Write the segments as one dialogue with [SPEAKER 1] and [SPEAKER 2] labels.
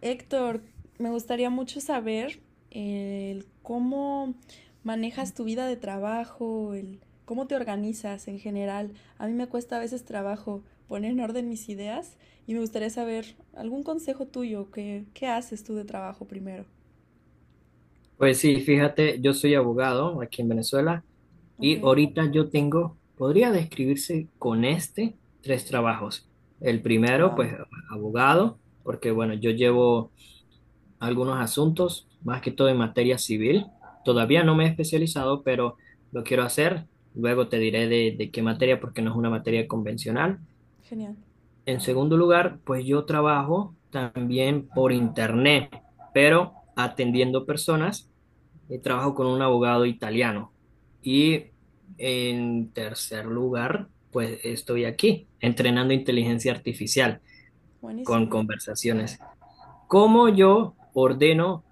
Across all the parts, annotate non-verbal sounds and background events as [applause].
[SPEAKER 1] Héctor, me gustaría mucho saber el cómo manejas tu vida de trabajo, el cómo te organizas en general. A mí me cuesta a veces trabajo poner en orden mis ideas y me gustaría saber algún consejo tuyo, que qué haces tú de trabajo primero.
[SPEAKER 2] Pues sí, fíjate, yo soy abogado aquí en Venezuela
[SPEAKER 1] Ok,
[SPEAKER 2] y ahorita yo tengo, podría describirse con tres trabajos. El primero,
[SPEAKER 1] wow,
[SPEAKER 2] pues abogado, porque bueno, yo llevo algunos asuntos, más que todo en materia civil. Todavía no me he especializado, pero lo quiero hacer. Luego te diré de qué materia, porque no es una materia convencional.
[SPEAKER 1] genial,
[SPEAKER 2] En segundo lugar, pues yo trabajo también por internet, pero atendiendo personas trabajo con un abogado italiano. Y en tercer lugar, pues estoy aquí entrenando inteligencia artificial con
[SPEAKER 1] buenísimo,
[SPEAKER 2] conversaciones. ¿Cómo yo ordeno,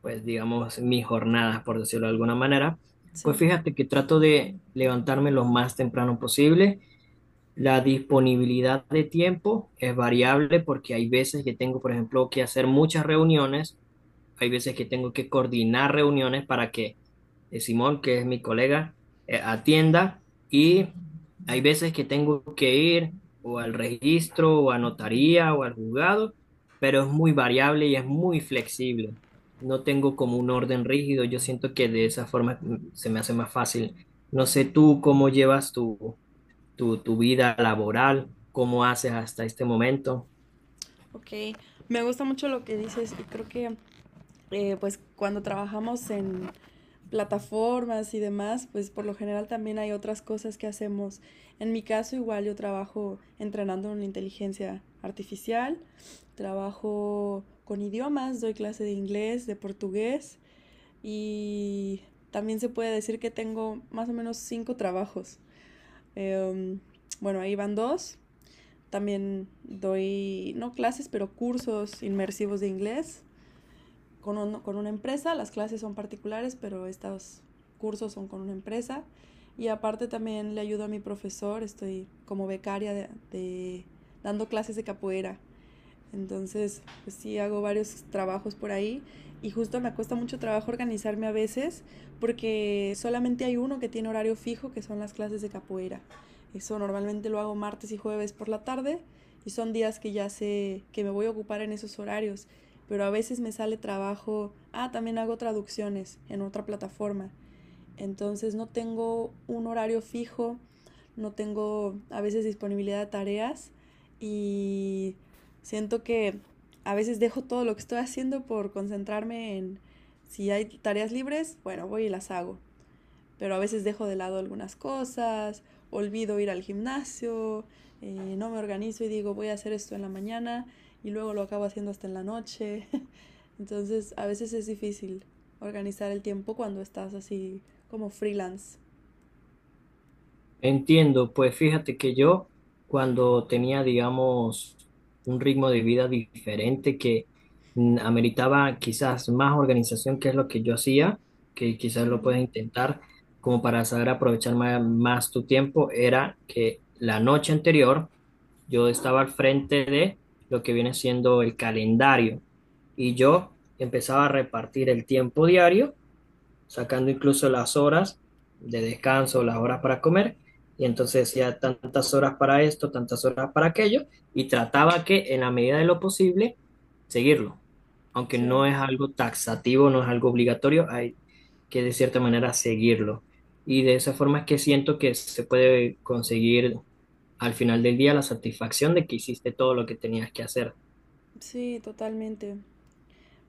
[SPEAKER 2] pues digamos, mis jornadas, por decirlo de alguna manera? Pues
[SPEAKER 1] sí.
[SPEAKER 2] fíjate que trato de levantarme lo más temprano posible. La disponibilidad de tiempo es variable porque hay veces que tengo, por ejemplo, que hacer muchas reuniones, hay veces que tengo que coordinar reuniones para que Simón, que es mi colega, atienda y hay veces que tengo que ir o al registro o a notaría o al juzgado, pero es muy variable y es muy flexible. No tengo como un orden rígido, yo siento que de esa forma se me hace más fácil. No sé tú cómo llevas tu vida laboral, cómo haces hasta este momento.
[SPEAKER 1] Ok, me gusta mucho lo que dices y creo que pues cuando trabajamos en plataformas y demás, pues por lo general también hay otras cosas que hacemos. En mi caso igual yo trabajo entrenando en inteligencia artificial, trabajo con idiomas, doy clase de inglés, de portugués y también se puede decir que tengo más o menos cinco trabajos. Eh, bueno, ahí van dos. También doy, no clases, pero cursos inmersivos de inglés con, con una empresa, las clases son particulares, pero estos cursos son con una empresa. Y aparte también le ayudo a mi profesor, estoy como becaria de dando clases de capoeira, entonces, pues sí, hago varios trabajos por ahí y justo me cuesta mucho trabajo organizarme a veces porque solamente hay uno que tiene horario fijo, que son las clases de capoeira. Eso normalmente lo hago martes y jueves por la tarde y son días que ya sé que me voy a ocupar en esos horarios, pero a veces me sale trabajo. Ah, también hago traducciones en otra plataforma, entonces no tengo un horario fijo, no tengo a veces disponibilidad de tareas y siento que a veces dejo todo lo que estoy haciendo por concentrarme en si hay tareas libres, bueno, voy y las hago, pero a veces dejo de lado algunas cosas, olvido ir al gimnasio, no me organizo y digo voy a hacer esto en la mañana y luego lo acabo haciendo hasta en la noche. [laughs] Entonces a veces es difícil organizar el tiempo cuando estás así como freelance.
[SPEAKER 2] Entiendo, pues fíjate que yo cuando tenía, digamos, un ritmo de vida diferente que ameritaba quizás más organización, que es lo que yo hacía, que
[SPEAKER 1] Uh
[SPEAKER 2] quizás lo
[SPEAKER 1] -huh.
[SPEAKER 2] puedes intentar como para saber aprovechar más, tu tiempo, era que la noche anterior yo estaba al frente de lo que viene siendo el calendario y yo empezaba a repartir el tiempo diario sacando incluso las horas de descanso, las horas para comer, y entonces decía tantas horas para esto, tantas horas para aquello, y trataba que en la medida de lo posible seguirlo, aunque
[SPEAKER 1] Sí,
[SPEAKER 2] no es algo taxativo, no es algo obligatorio, hay que de cierta manera seguirlo. Y de esa forma es que siento que se puede conseguir al final del día la satisfacción de que hiciste todo lo que tenías que hacer.
[SPEAKER 1] sí, totalmente.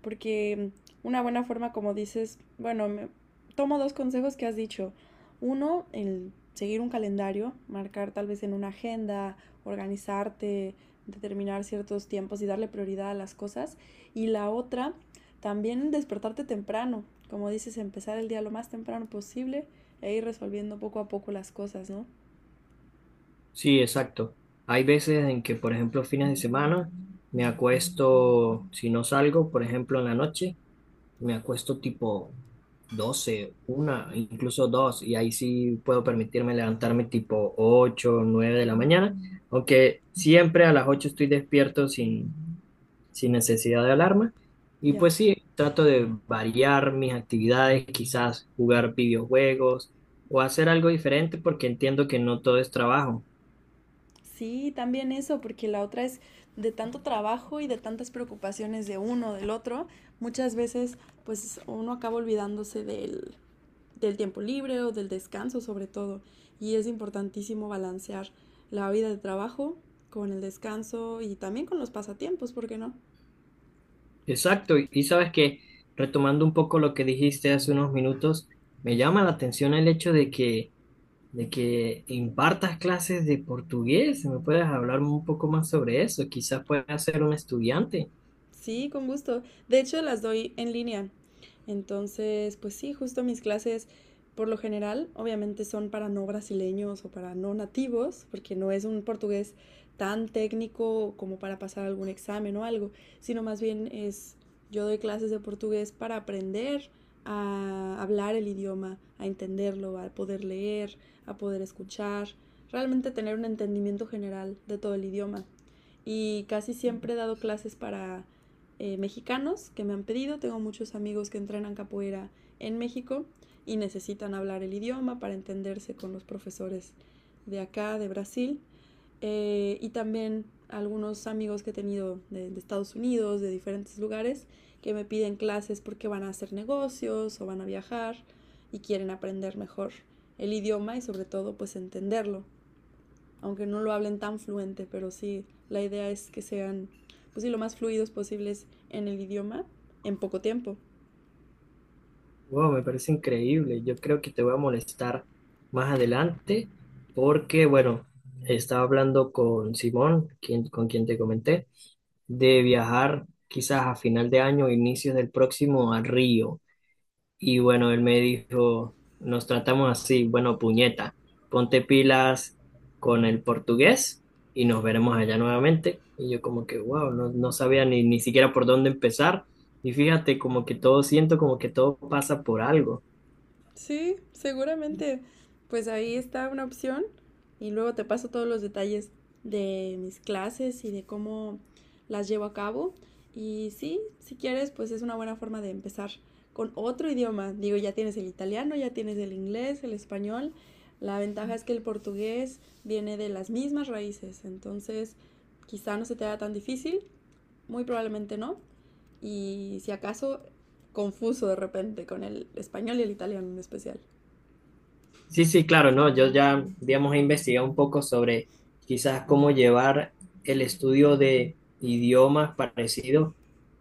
[SPEAKER 1] Porque una buena forma, como dices, bueno, tomo dos consejos que has dicho. Uno, el seguir un calendario, marcar tal vez en una agenda, organizarte, determinar ciertos tiempos y darle prioridad a las cosas. Y la otra, también despertarte temprano, como dices, empezar el día lo más temprano posible e ir resolviendo poco a poco las cosas, ¿no?
[SPEAKER 2] Sí, exacto. Hay veces en que, por ejemplo, fines de semana me acuesto, si no salgo, por ejemplo, en la noche, me acuesto tipo 12, una, incluso 2, y ahí sí puedo permitirme levantarme tipo 8, 9 de la mañana, aunque siempre a las 8 estoy despierto sin necesidad de alarma. Y
[SPEAKER 1] Ya.
[SPEAKER 2] pues sí, trato de variar mis actividades, quizás jugar videojuegos o hacer algo diferente porque entiendo que no todo es trabajo.
[SPEAKER 1] Sí, también eso, porque la otra es de tanto trabajo y de tantas preocupaciones de uno, del otro, muchas veces pues uno acaba olvidándose del, del tiempo libre o del descanso sobre todo. Y es importantísimo balancear la vida de trabajo con el descanso y también con los pasatiempos, ¿por qué no?
[SPEAKER 2] Exacto, y sabes que retomando un poco lo que dijiste hace unos minutos, me llama la atención el hecho de que impartas clases de portugués. ¿Me puedes hablar un poco más sobre eso? Quizás puedas ser un estudiante.
[SPEAKER 1] Sí, con gusto. De hecho, las doy en línea. Entonces, pues sí, justo mis clases, por lo general, obviamente son para no brasileños o para no nativos, porque no es un portugués tan técnico como para pasar algún examen o algo, sino más bien es, yo doy clases de portugués para aprender a hablar el idioma, a entenderlo, a poder leer, a poder escuchar, realmente tener un entendimiento general de todo el idioma. Y casi siempre he dado clases para mexicanos que me han pedido. Tengo muchos amigos que entrenan capoeira en México y necesitan hablar el idioma para entenderse con los profesores de acá, de Brasil. Y también algunos amigos que he tenido de Estados Unidos, de diferentes lugares, que me piden clases porque van a hacer negocios o van a viajar y quieren aprender mejor el idioma y sobre todo pues entenderlo aunque no lo hablen tan fluente, pero sí, la idea es que sean, pues sí, lo más fluidos posibles en el idioma en poco tiempo.
[SPEAKER 2] Wow, me parece increíble. Yo creo que te voy a molestar más adelante porque, bueno, estaba hablando con Simón, quien, con quien te comenté, de viajar quizás a final de año o inicios del próximo a Río. Y bueno, él me dijo, nos tratamos así, bueno, puñeta, ponte pilas con el portugués y nos veremos allá nuevamente. Y yo como que, wow, no, no sabía ni siquiera por dónde empezar. Y fíjate, como que todo siento, como que todo pasa por algo.
[SPEAKER 1] Sí, seguramente. Pues ahí está una opción y luego te paso todos los detalles de mis clases y de cómo las llevo a cabo. Y sí, si quieres, pues es una buena forma de empezar con otro idioma. Digo, ya tienes el italiano, ya tienes el inglés, el español. La ventaja es que el portugués viene de las mismas raíces, entonces quizá no se te haga tan difícil, muy probablemente no. Y si acaso, confuso de repente con el español y el italiano en especial.
[SPEAKER 2] Sí, sí, claro, no, yo ya, digamos, he investigado un poco sobre quizás cómo llevar el estudio de idiomas parecidos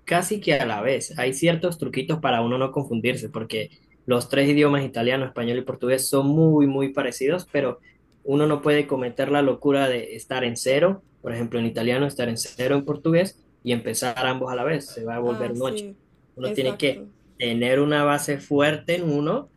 [SPEAKER 2] casi que a la vez. Hay ciertos truquitos para uno no confundirse, porque los tres idiomas, italiano, español y portugués, son muy, muy parecidos, pero uno no puede cometer la locura de estar en cero, por ejemplo, en italiano, estar en cero en portugués y empezar ambos a la vez, se va a
[SPEAKER 1] Ah,
[SPEAKER 2] volver un ocho.
[SPEAKER 1] sí,
[SPEAKER 2] Uno tiene que
[SPEAKER 1] exacto.
[SPEAKER 2] tener una base fuerte en uno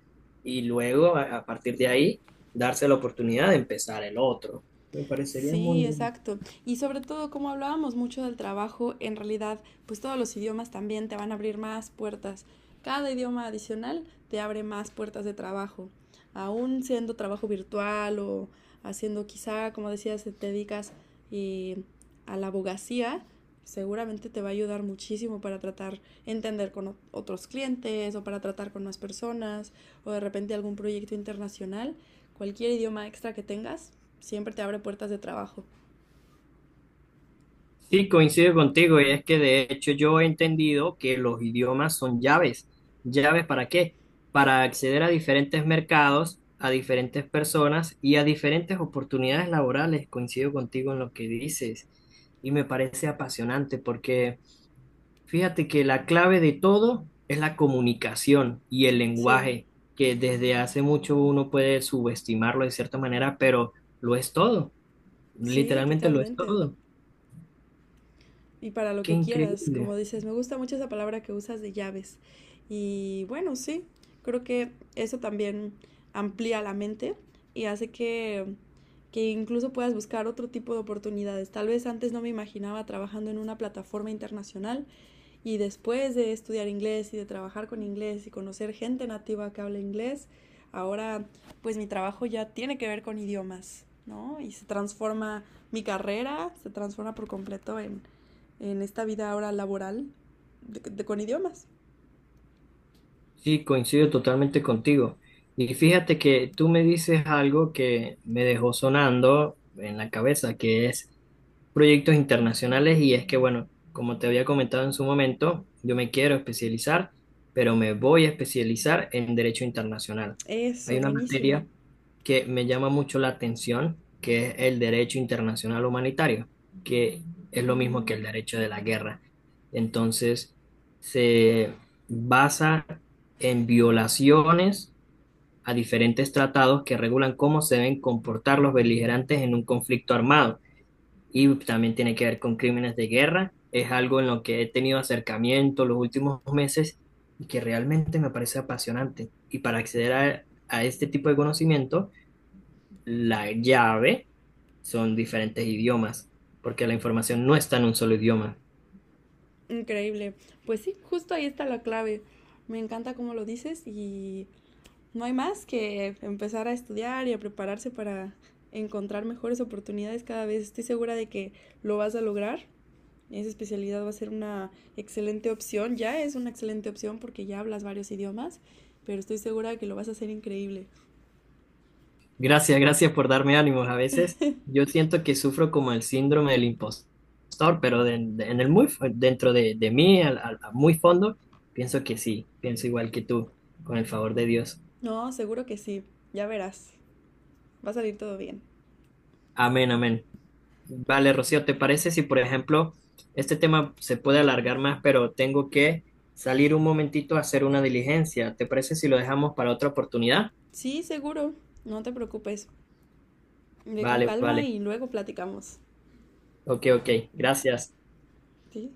[SPEAKER 2] y luego a partir de ahí darse la oportunidad de empezar el otro. Me parecería muy
[SPEAKER 1] Sí,
[SPEAKER 2] bueno.
[SPEAKER 1] exacto. Y sobre todo, como hablábamos mucho del trabajo, en realidad, pues todos los idiomas también te van a abrir más puertas. Cada idioma adicional te abre más puertas de trabajo. Aún siendo trabajo virtual o haciendo quizá, como decías, te dedicas eh, a la abogacía, seguramente te va a ayudar muchísimo para tratar, entender con otros clientes o para tratar con más personas o de repente algún proyecto internacional. Cualquier idioma extra que tengas siempre te abre puertas de trabajo.
[SPEAKER 2] Sí, coincido contigo y es que de hecho yo he entendido que los idiomas son llaves. ¿Llaves para qué? Para acceder a diferentes mercados, a diferentes personas y a diferentes oportunidades laborales. Coincido contigo en lo que dices y me parece apasionante porque... Fíjate que la clave de todo es la comunicación y el
[SPEAKER 1] Sí,
[SPEAKER 2] lenguaje, que desde hace mucho uno puede subestimarlo de cierta manera, pero lo es todo,
[SPEAKER 1] sí,
[SPEAKER 2] literalmente lo es
[SPEAKER 1] totalmente.
[SPEAKER 2] todo.
[SPEAKER 1] Y para lo
[SPEAKER 2] Qué
[SPEAKER 1] que quieras, como
[SPEAKER 2] increíble.
[SPEAKER 1] dices, me gusta mucho esa palabra que usas de llaves. Y bueno, sí, creo que eso también amplía la mente y hace que incluso puedas buscar otro tipo de oportunidades. Tal vez antes no me imaginaba trabajando en una plataforma internacional, y después de estudiar inglés y de trabajar con inglés y conocer gente nativa que habla inglés, ahora pues mi trabajo ya tiene que ver con idiomas, ¿no? Y se transforma mi carrera, se transforma por completo en esta vida ahora laboral con idiomas.
[SPEAKER 2] Sí, coincido totalmente contigo. Y fíjate que tú me dices algo que me dejó sonando en la cabeza, que es proyectos internacionales. Y es que, bueno, como te había comentado en su momento, yo me quiero especializar, pero me voy a especializar en derecho internacional. Hay
[SPEAKER 1] Eso,
[SPEAKER 2] una
[SPEAKER 1] buenísimo.
[SPEAKER 2] materia que me llama mucho la atención, que es el derecho internacional humanitario, que es lo mismo que el
[SPEAKER 1] Mm,
[SPEAKER 2] derecho de la guerra. Entonces, se basa en violaciones a diferentes tratados que regulan cómo se deben comportar los beligerantes en un conflicto armado. Y también tiene que ver con crímenes de guerra. Es algo en lo que he tenido acercamiento los últimos meses y que realmente me parece apasionante. Y para acceder a este tipo de conocimiento, la llave son diferentes idiomas, porque la información no está en un solo idioma.
[SPEAKER 1] increíble. Pues sí, justo ahí está la clave. Me encanta cómo lo dices y no hay más que empezar a estudiar y a prepararse para encontrar mejores oportunidades cada vez. Estoy segura de que lo vas a lograr. Esa especialidad va a ser una excelente opción. Ya es una excelente opción porque ya hablas varios idiomas, pero estoy segura de que lo vas a hacer increíble.
[SPEAKER 2] Gracias, gracias por darme ánimos. A veces yo siento que sufro como el síndrome del impostor, pero en el muy, dentro de mí, a muy fondo, pienso que sí, pienso igual que tú, con el favor de Dios.
[SPEAKER 1] No, seguro que sí. Ya verás. Va a salir todo bien.
[SPEAKER 2] Amén, amén. Vale, Rocío, ¿te parece si, por ejemplo, este tema se puede alargar más, pero tengo que salir un momentito a hacer una diligencia? ¿Te parece si lo dejamos para otra oportunidad?
[SPEAKER 1] Sí, seguro. No te preocupes. Ve con
[SPEAKER 2] Vale,
[SPEAKER 1] calma
[SPEAKER 2] vale.
[SPEAKER 1] y luego platicamos.
[SPEAKER 2] Ok, ok. Gracias.
[SPEAKER 1] ¿Sí?